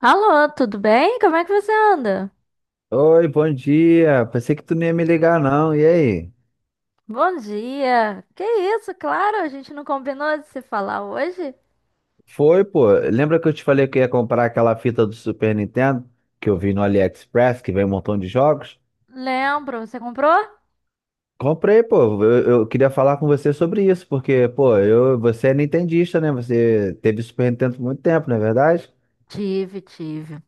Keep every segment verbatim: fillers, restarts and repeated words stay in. Alô, tudo bem? Como é que você anda? Oi, bom dia. Pensei que tu não ia me ligar, não. E aí? Bom dia. Que isso, claro, a gente não combinou de se falar hoje? Foi, pô. Lembra que eu te falei que eu ia comprar aquela fita do Super Nintendo que eu vi no AliExpress, que vem um montão de jogos? Lembro, você comprou? Comprei, pô. Eu, eu queria falar com você sobre isso, porque, pô, eu, você é nintendista, né? Você teve Super Nintendo por muito tempo, não é verdade? Tive, tive.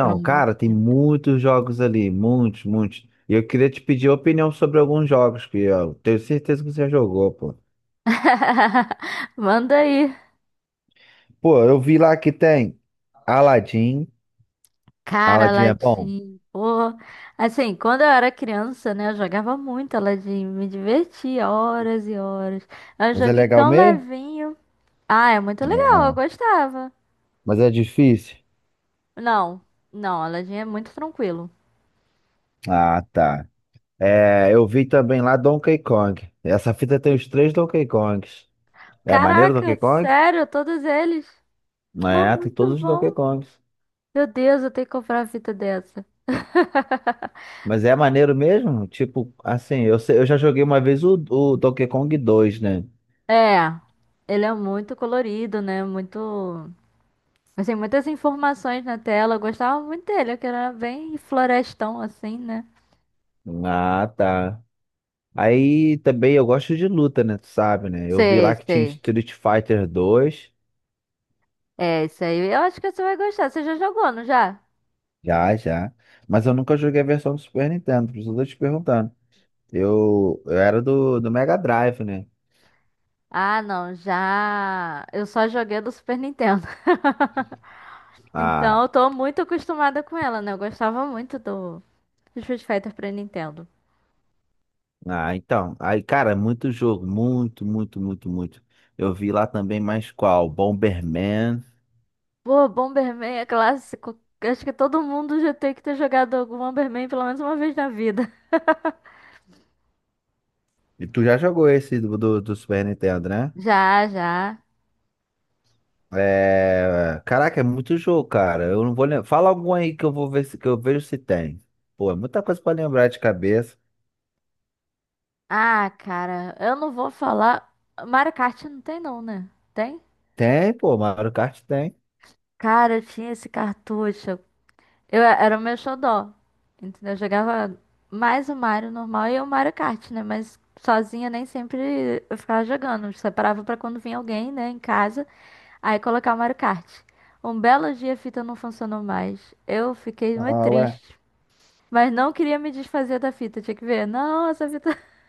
Por um bom cara, tem tempo. muitos jogos ali, muitos, muitos. E eu queria te pedir opinião sobre alguns jogos que eu tenho certeza que você já jogou, pô. Manda aí. Pô, eu vi lá que tem Aladdin. Cara, Aladdin é bom? Aladim, pô. Assim, quando eu era criança, né, eu jogava muito Aladim, me divertia horas e horas. É um Mas é joguinho legal tão mesmo? levinho. Ah, é muito legal, eu Não. gostava. Mas é difícil? Não, não, Aladim é muito tranquilo. Ah, tá. É, eu vi também lá Donkey Kong. Essa fita tem os três Donkey Kongs. É maneiro Donkey Caraca, Kong? sério, todos eles? Pô, É, tem muito todos os Donkey bom. Kongs. Meu Deus, eu tenho que comprar uma fita dessa. Mas é maneiro mesmo? Tipo, assim, eu, sei- eu já joguei uma vez o, o Donkey Kong dois, né? É, ele é muito colorido, né? Muito. Assim, muitas informações na tela. Eu gostava muito dele, que era bem florestão, assim, né? Ah, tá. Aí também eu gosto de luta, né? Tu sabe, né? Eu vi Sei, lá que tinha sei. Street Fighter dois. É, isso aí. Eu acho que você vai gostar. Você já jogou, não já? Já, já. Mas eu nunca joguei a versão do Super Nintendo, por isso eu tô te perguntando. Eu, eu era do, do Mega Drive, né? Ah, não, já. Eu só joguei do Super Nintendo. Então, Ah, eu tô muito acostumada com ela, né? Eu gostava muito do do Street Fighter pra Nintendo. ah, então. Aí, cara, muito jogo. Muito, muito, muito, muito. Eu vi lá também mais qual? Bomberman. Pô, Bomberman é clássico. Acho que todo mundo já tem que ter jogado algum Bomberman pelo menos uma vez na vida. E tu já jogou esse do, do, do Super Nintendo, né? Já, já. É... Caraca, é muito jogo, cara. Eu não vou lembrar. Fala algum aí que eu vou ver se, que eu vejo se tem. Pô, é muita coisa pra lembrar de cabeça. Ah, cara, eu não vou falar. Mario Kart não tem não, né? Tem? Tem, pô, Mario Kart tem. Cara, eu tinha esse cartucho. Eu era o meu xodó. Entendeu? Eu jogava mais o Mario normal e o Mario Kart, né? Mas sozinha nem sempre eu ficava jogando. Eu separava pra quando vinha alguém, né, em casa. Aí colocar o Mario Kart. Um belo dia a fita não funcionou mais. Eu fiquei muito Ah, ué. triste. Mas não queria me desfazer da fita, tinha que ver. Não, essa fita.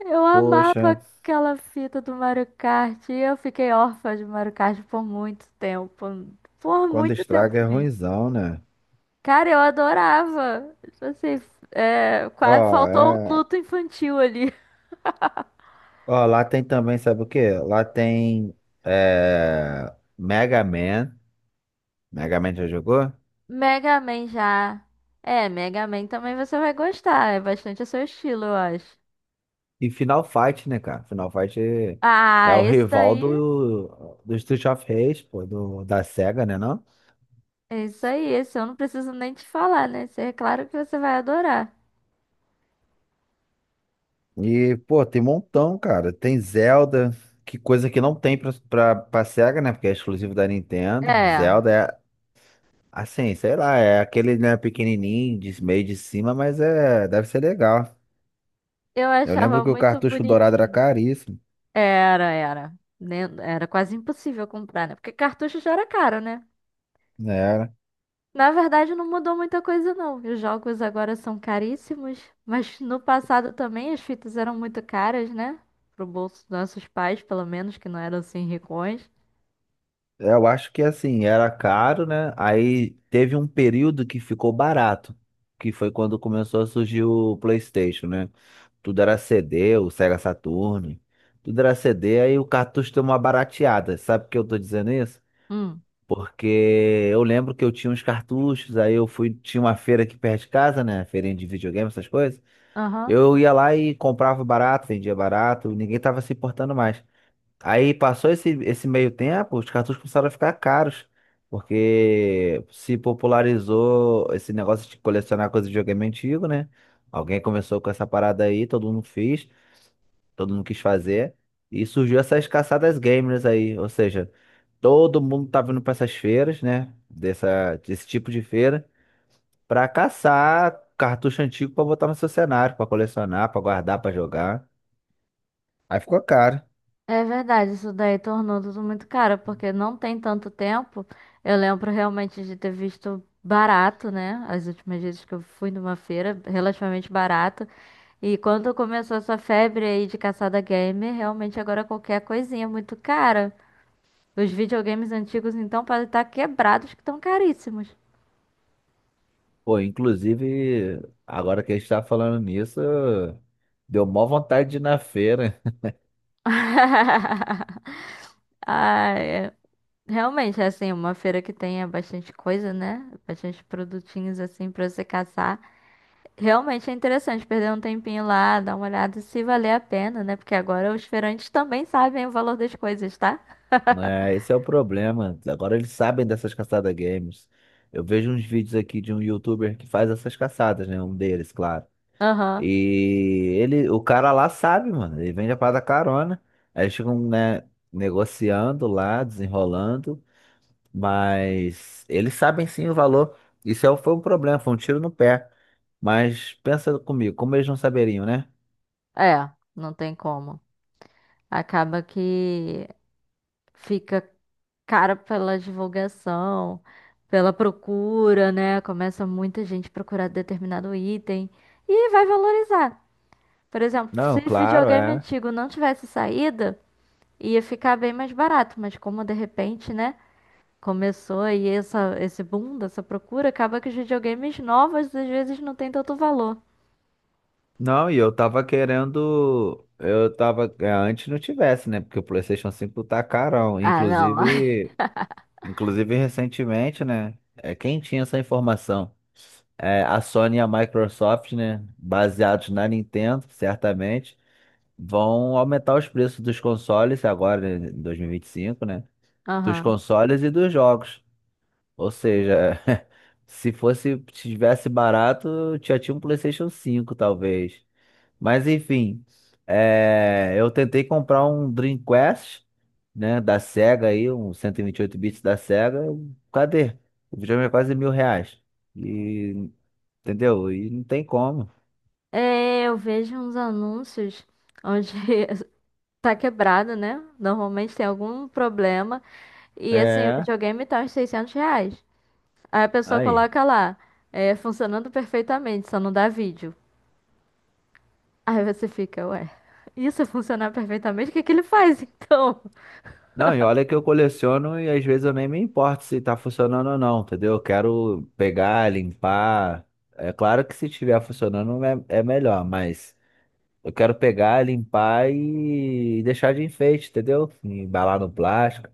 Eu Poxa, amava aquela fita do Mario Kart. E eu fiquei órfã de Mario Kart por muito tempo. Por quando muito tempo estraga é mesmo. ruinzão, né? Cara, eu adorava. Tipo assim, é, quase Ó, faltou um é. luto infantil ali. Ó, lá tem também, sabe o quê? Lá tem é, Mega Man. Mega Man já jogou? Mega Man já. É, Mega Man também você vai gostar. É bastante o seu estilo, eu acho. E Final Fight, né, cara? Final Fight é Ah, o esse rival daí. do, do Street of Rage, pô, do, da séga, né, não? É isso aí, esse eu não preciso nem te falar, né? Esse é claro que você vai adorar. E, pô, tem um montão, cara. Tem Zelda, que coisa que não tem pra, pra, pra séga, né? Porque é exclusivo da Nintendo. É, Zelda é, assim, sei lá, é aquele, né, pequenininho, de meio de cima, mas é, deve ser legal. eu Eu lembro achava que o muito cartucho dourado era bonitinho. caríssimo. Era, era. Né? Era quase impossível comprar, né? Porque cartucho já era caro, né? Né? Na verdade, não mudou muita coisa, não. Os jogos agora são caríssimos, mas no passado também as fitas eram muito caras, né? Pro bolso dos nossos pais, pelo menos, que não eram assim ricões. É, eu acho que assim, era caro, né? Aí teve um período que ficou barato, que foi quando começou a surgir o PlayStation, né? Tudo era cê dê, o Sega Saturn, tudo era cê dê, aí o cartucho deu uma barateada. Sabe por que eu tô dizendo isso? Hum. Porque eu lembro que eu tinha uns cartuchos, aí eu fui, tinha uma feira aqui perto de casa, né? Feirinha de videogame, essas coisas. Aham. Eu ia lá e comprava barato, vendia barato, ninguém tava se importando mais. Aí passou esse, esse meio tempo, os cartuchos começaram a ficar caros, porque se popularizou esse negócio de colecionar coisas de videogame antigo, né? Alguém começou com essa parada aí, todo mundo fez, todo mundo quis fazer, e surgiu essas caçadas gamers aí, ou seja, todo mundo tá vindo pra essas feiras, né? Dessa, desse tipo de feira, pra caçar cartucho antigo pra botar no seu cenário, pra colecionar, pra guardar, pra jogar. Aí ficou caro. É verdade, isso daí tornou tudo muito caro, porque não tem tanto tempo. Eu lembro realmente de ter visto barato, né? As últimas vezes que eu fui numa feira, relativamente barato. E quando começou essa febre aí de caçada gamer, realmente agora qualquer coisinha é muito cara. Os videogames antigos, então, podem estar quebrados que estão caríssimos. Pô, inclusive, agora que a gente tá falando nisso, deu mó vontade de ir na feira. Ai, é- realmente, é assim, uma feira que tenha bastante coisa, né? Bastante produtinhos assim pra você caçar. Realmente é interessante perder um tempinho lá, dar uma olhada se valer a pena, né? Porque agora os feirantes também sabem o valor das coisas, tá? É, esse é o problema. Agora eles sabem dessas caçadas games. Eu vejo uns vídeos aqui de um youtuber que faz essas caçadas, né? Um deles, claro. Aham. E ele, o cara lá sabe, mano. Ele vende a parada carona. Aí eles ficam, né, negociando lá, desenrolando. Mas eles sabem sim o valor. Isso é- foi um problema, foi um tiro no pé. Mas pensa comigo, como eles não saberiam, né? É, não tem como. Acaba que fica cara pela divulgação, pela procura, né? Começa muita gente procurar determinado item e vai valorizar. Por exemplo, Não, se claro, videogame é. antigo não tivesse saída, ia ficar bem mais barato, mas como de repente, né? Começou aí essa, esse boom dessa procura, acaba que os videogames novos às vezes não tem tanto valor. Não, e eu tava querendo. Eu tava. É, antes não tivesse, né? Porque o PlayStation cinco tá carão. Ah, não. Inclusive, inclusive recentemente, né? É, quem tinha essa informação? É, a Sony e a Microsoft, né? Baseados na Nintendo, certamente, vão aumentar os preços dos consoles agora, né, em dois mil e vinte e cinco, né? Dos Aham. consoles e dos jogos. Ou seja, se fosse, se tivesse barato, já tinha um PlayStation cinco, talvez. Mas enfim, é, eu tentei comprar um Dreamcast, né, da Sega aí, um cento e vinte e oito bits da Sega. eu- Cadê? O videogame é quase mil reais. E, entendeu? E não tem como. É, eu vejo uns anúncios onde tá quebrado, né? Normalmente tem algum problema. E assim, o É, videogame tá uns seiscentos reais. Aí a pessoa aí. coloca lá, é, funcionando perfeitamente, só não dá vídeo. Aí você fica, ué, isso é funcionar perfeitamente, o que é que ele faz então? Não, e olha que eu coleciono e às vezes eu nem me importo se tá funcionando ou não, entendeu? Eu quero pegar, limpar. É claro que se estiver funcionando é, é melhor, mas eu quero pegar, limpar e deixar de enfeite, entendeu? Embalar no plástico.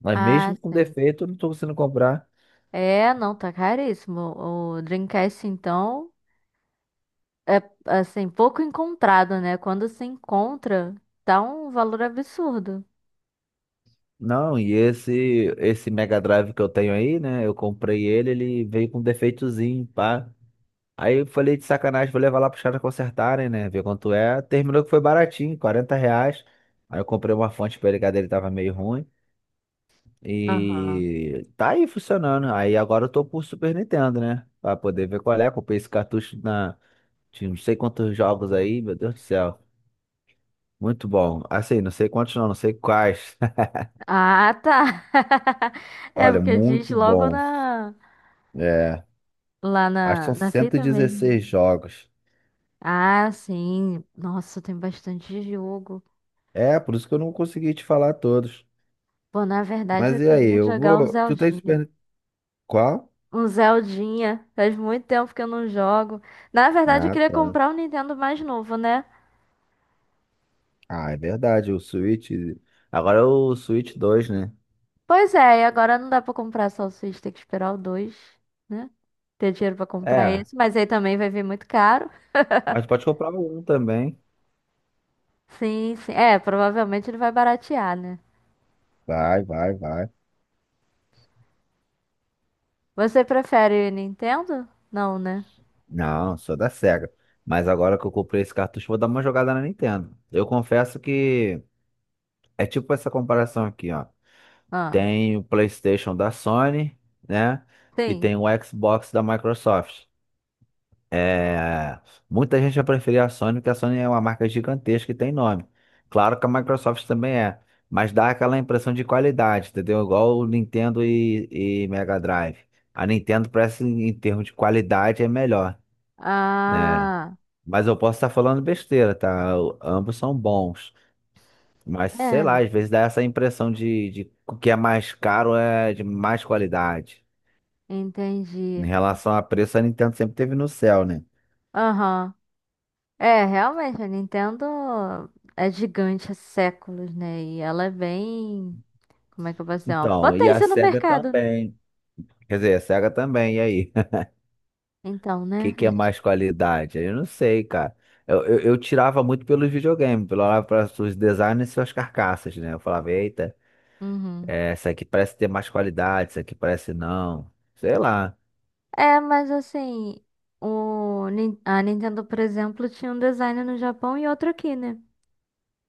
Mas Ah, mesmo com sim. defeito, eu não tô conseguindo comprar. É, não, tá caríssimo. O Dreamcast, então, é assim, pouco encontrado, né? Quando se encontra, tá um valor absurdo. Não, e esse esse Mega Drive que eu tenho aí, né? Eu comprei ele, ele veio com defeitozinho, pá. Aí eu falei de sacanagem, vou levar lá pros caras consertarem, né? Ver quanto é. Terminou que foi baratinho, quarenta reais. Aí eu comprei uma fonte pra ele, que a dele tava meio ruim. Aham. E tá aí funcionando. Aí agora eu tô pro Super Nintendo, né? Pra poder ver qual é. Comprei esse cartucho na. Tinha não sei quantos jogos aí, meu Deus do céu. Muito bom. Assim, não sei quantos não, não sei quais. Ah, tá. É Olha, porque diz muito logo bom. na É, lá acho que na, são na cento e fita dezesseis mesmo. jogos. Ah, sim. Nossa, tem bastante jogo. É, por isso que eu não consegui te falar todos. Pô, na verdade Mas eu e aí, queria eu jogar um vou. Tu tem Zeldinho. Super. Qual? Um Zeldinha. Faz muito tempo que eu não jogo. Na verdade, eu Ah, queria tá. comprar um Nintendo mais novo, né? Ah, é verdade, o Switch. Agora é o Switch dois, né? Pois é, e agora não dá pra comprar salsicha, tem que esperar o dois, né? Ter dinheiro pra comprar É, esse, mas aí também vai vir muito caro. mas pode comprar um também. Sim, sim. É, provavelmente ele vai baratear, né? Vai, vai, vai. Você prefere Nintendo? Não, né? Não, sou da Sega. Mas agora que eu comprei esse cartucho, vou dar uma jogada na Nintendo. Eu confesso que é tipo essa comparação aqui, ó. Ah, Tem o PlayStation da Sony, né? E sim. tem o Xbox da Microsoft. É, muita gente vai preferir a Sony, porque a Sony é uma marca gigantesca e tem nome. Claro que a Microsoft também é, mas dá aquela impressão de qualidade, entendeu? Igual o Nintendo e, e Mega Drive. A Nintendo parece, em termos de qualidade, é melhor, né? Ah, Mas eu posso estar falando besteira, tá? O- Ambos são bons. Mas sei é, lá, às vezes dá essa impressão de, de que o que é mais caro é de mais qualidade. Em entendi. relação a preço, a Nintendo sempre teve no céu, né? Aham. É, realmente, a Nintendo é gigante há séculos, né? E ela é bem. Como é que eu posso dizer? Uma Então, e a potência no Sega mercado, né? também. Quer dizer, a Sega também, e aí? Então, O que né? A que é gente- mais qualidade? Eu não sei, cara. Eu, eu, eu tirava muito pelos videogames, pelo olhava para os designs e suas carcaças, né? Eu falava, eita, Uhum. é, essa aqui parece ter mais qualidade, essa aqui parece não. Sei lá. É, mas assim, o, Nin- a Nintendo, por exemplo, tinha um design no Japão e outro aqui, né?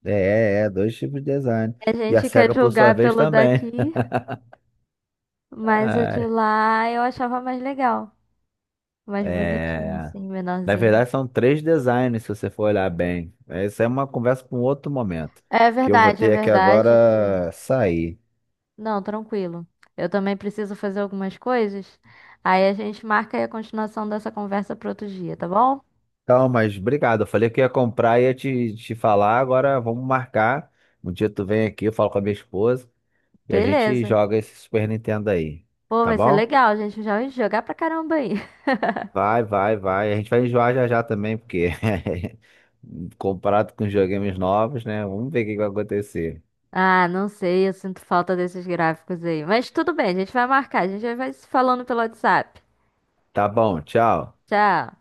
É, é, é, dois tipos de design. A E a gente quer Sega, por sua julgar vez, pelo também. daqui, mas o de Ai, lá eu achava mais legal, mais bonitinho, é. assim, Na menorzinho. verdade, são três designs, se você for olhar bem. Essa é uma conversa para um outro momento, É que eu vou verdade, é ter que verdade que. agora sair. Não, tranquilo. Eu também preciso fazer algumas coisas. Aí a gente marca aí a continuação dessa conversa para outro dia, tá bom? Calma, mas obrigado. Eu falei que ia comprar e ia te, te falar. Agora vamos marcar. Um dia tu vem aqui, eu falo com a minha esposa e a gente Beleza. joga esse Super Nintendo aí. Pô, Tá vai ser bom? legal, gente. Já vai jogar pra caramba aí. Vai, vai, vai. A gente vai enjoar já já também, porque comparado com os videogames novos, né? Vamos ver o que que vai acontecer. Ah, não sei, eu sinto falta desses gráficos aí. Mas tudo bem, a gente vai marcar, a gente já vai se falando pelo WhatsApp. Tá bom, tchau. Tchau.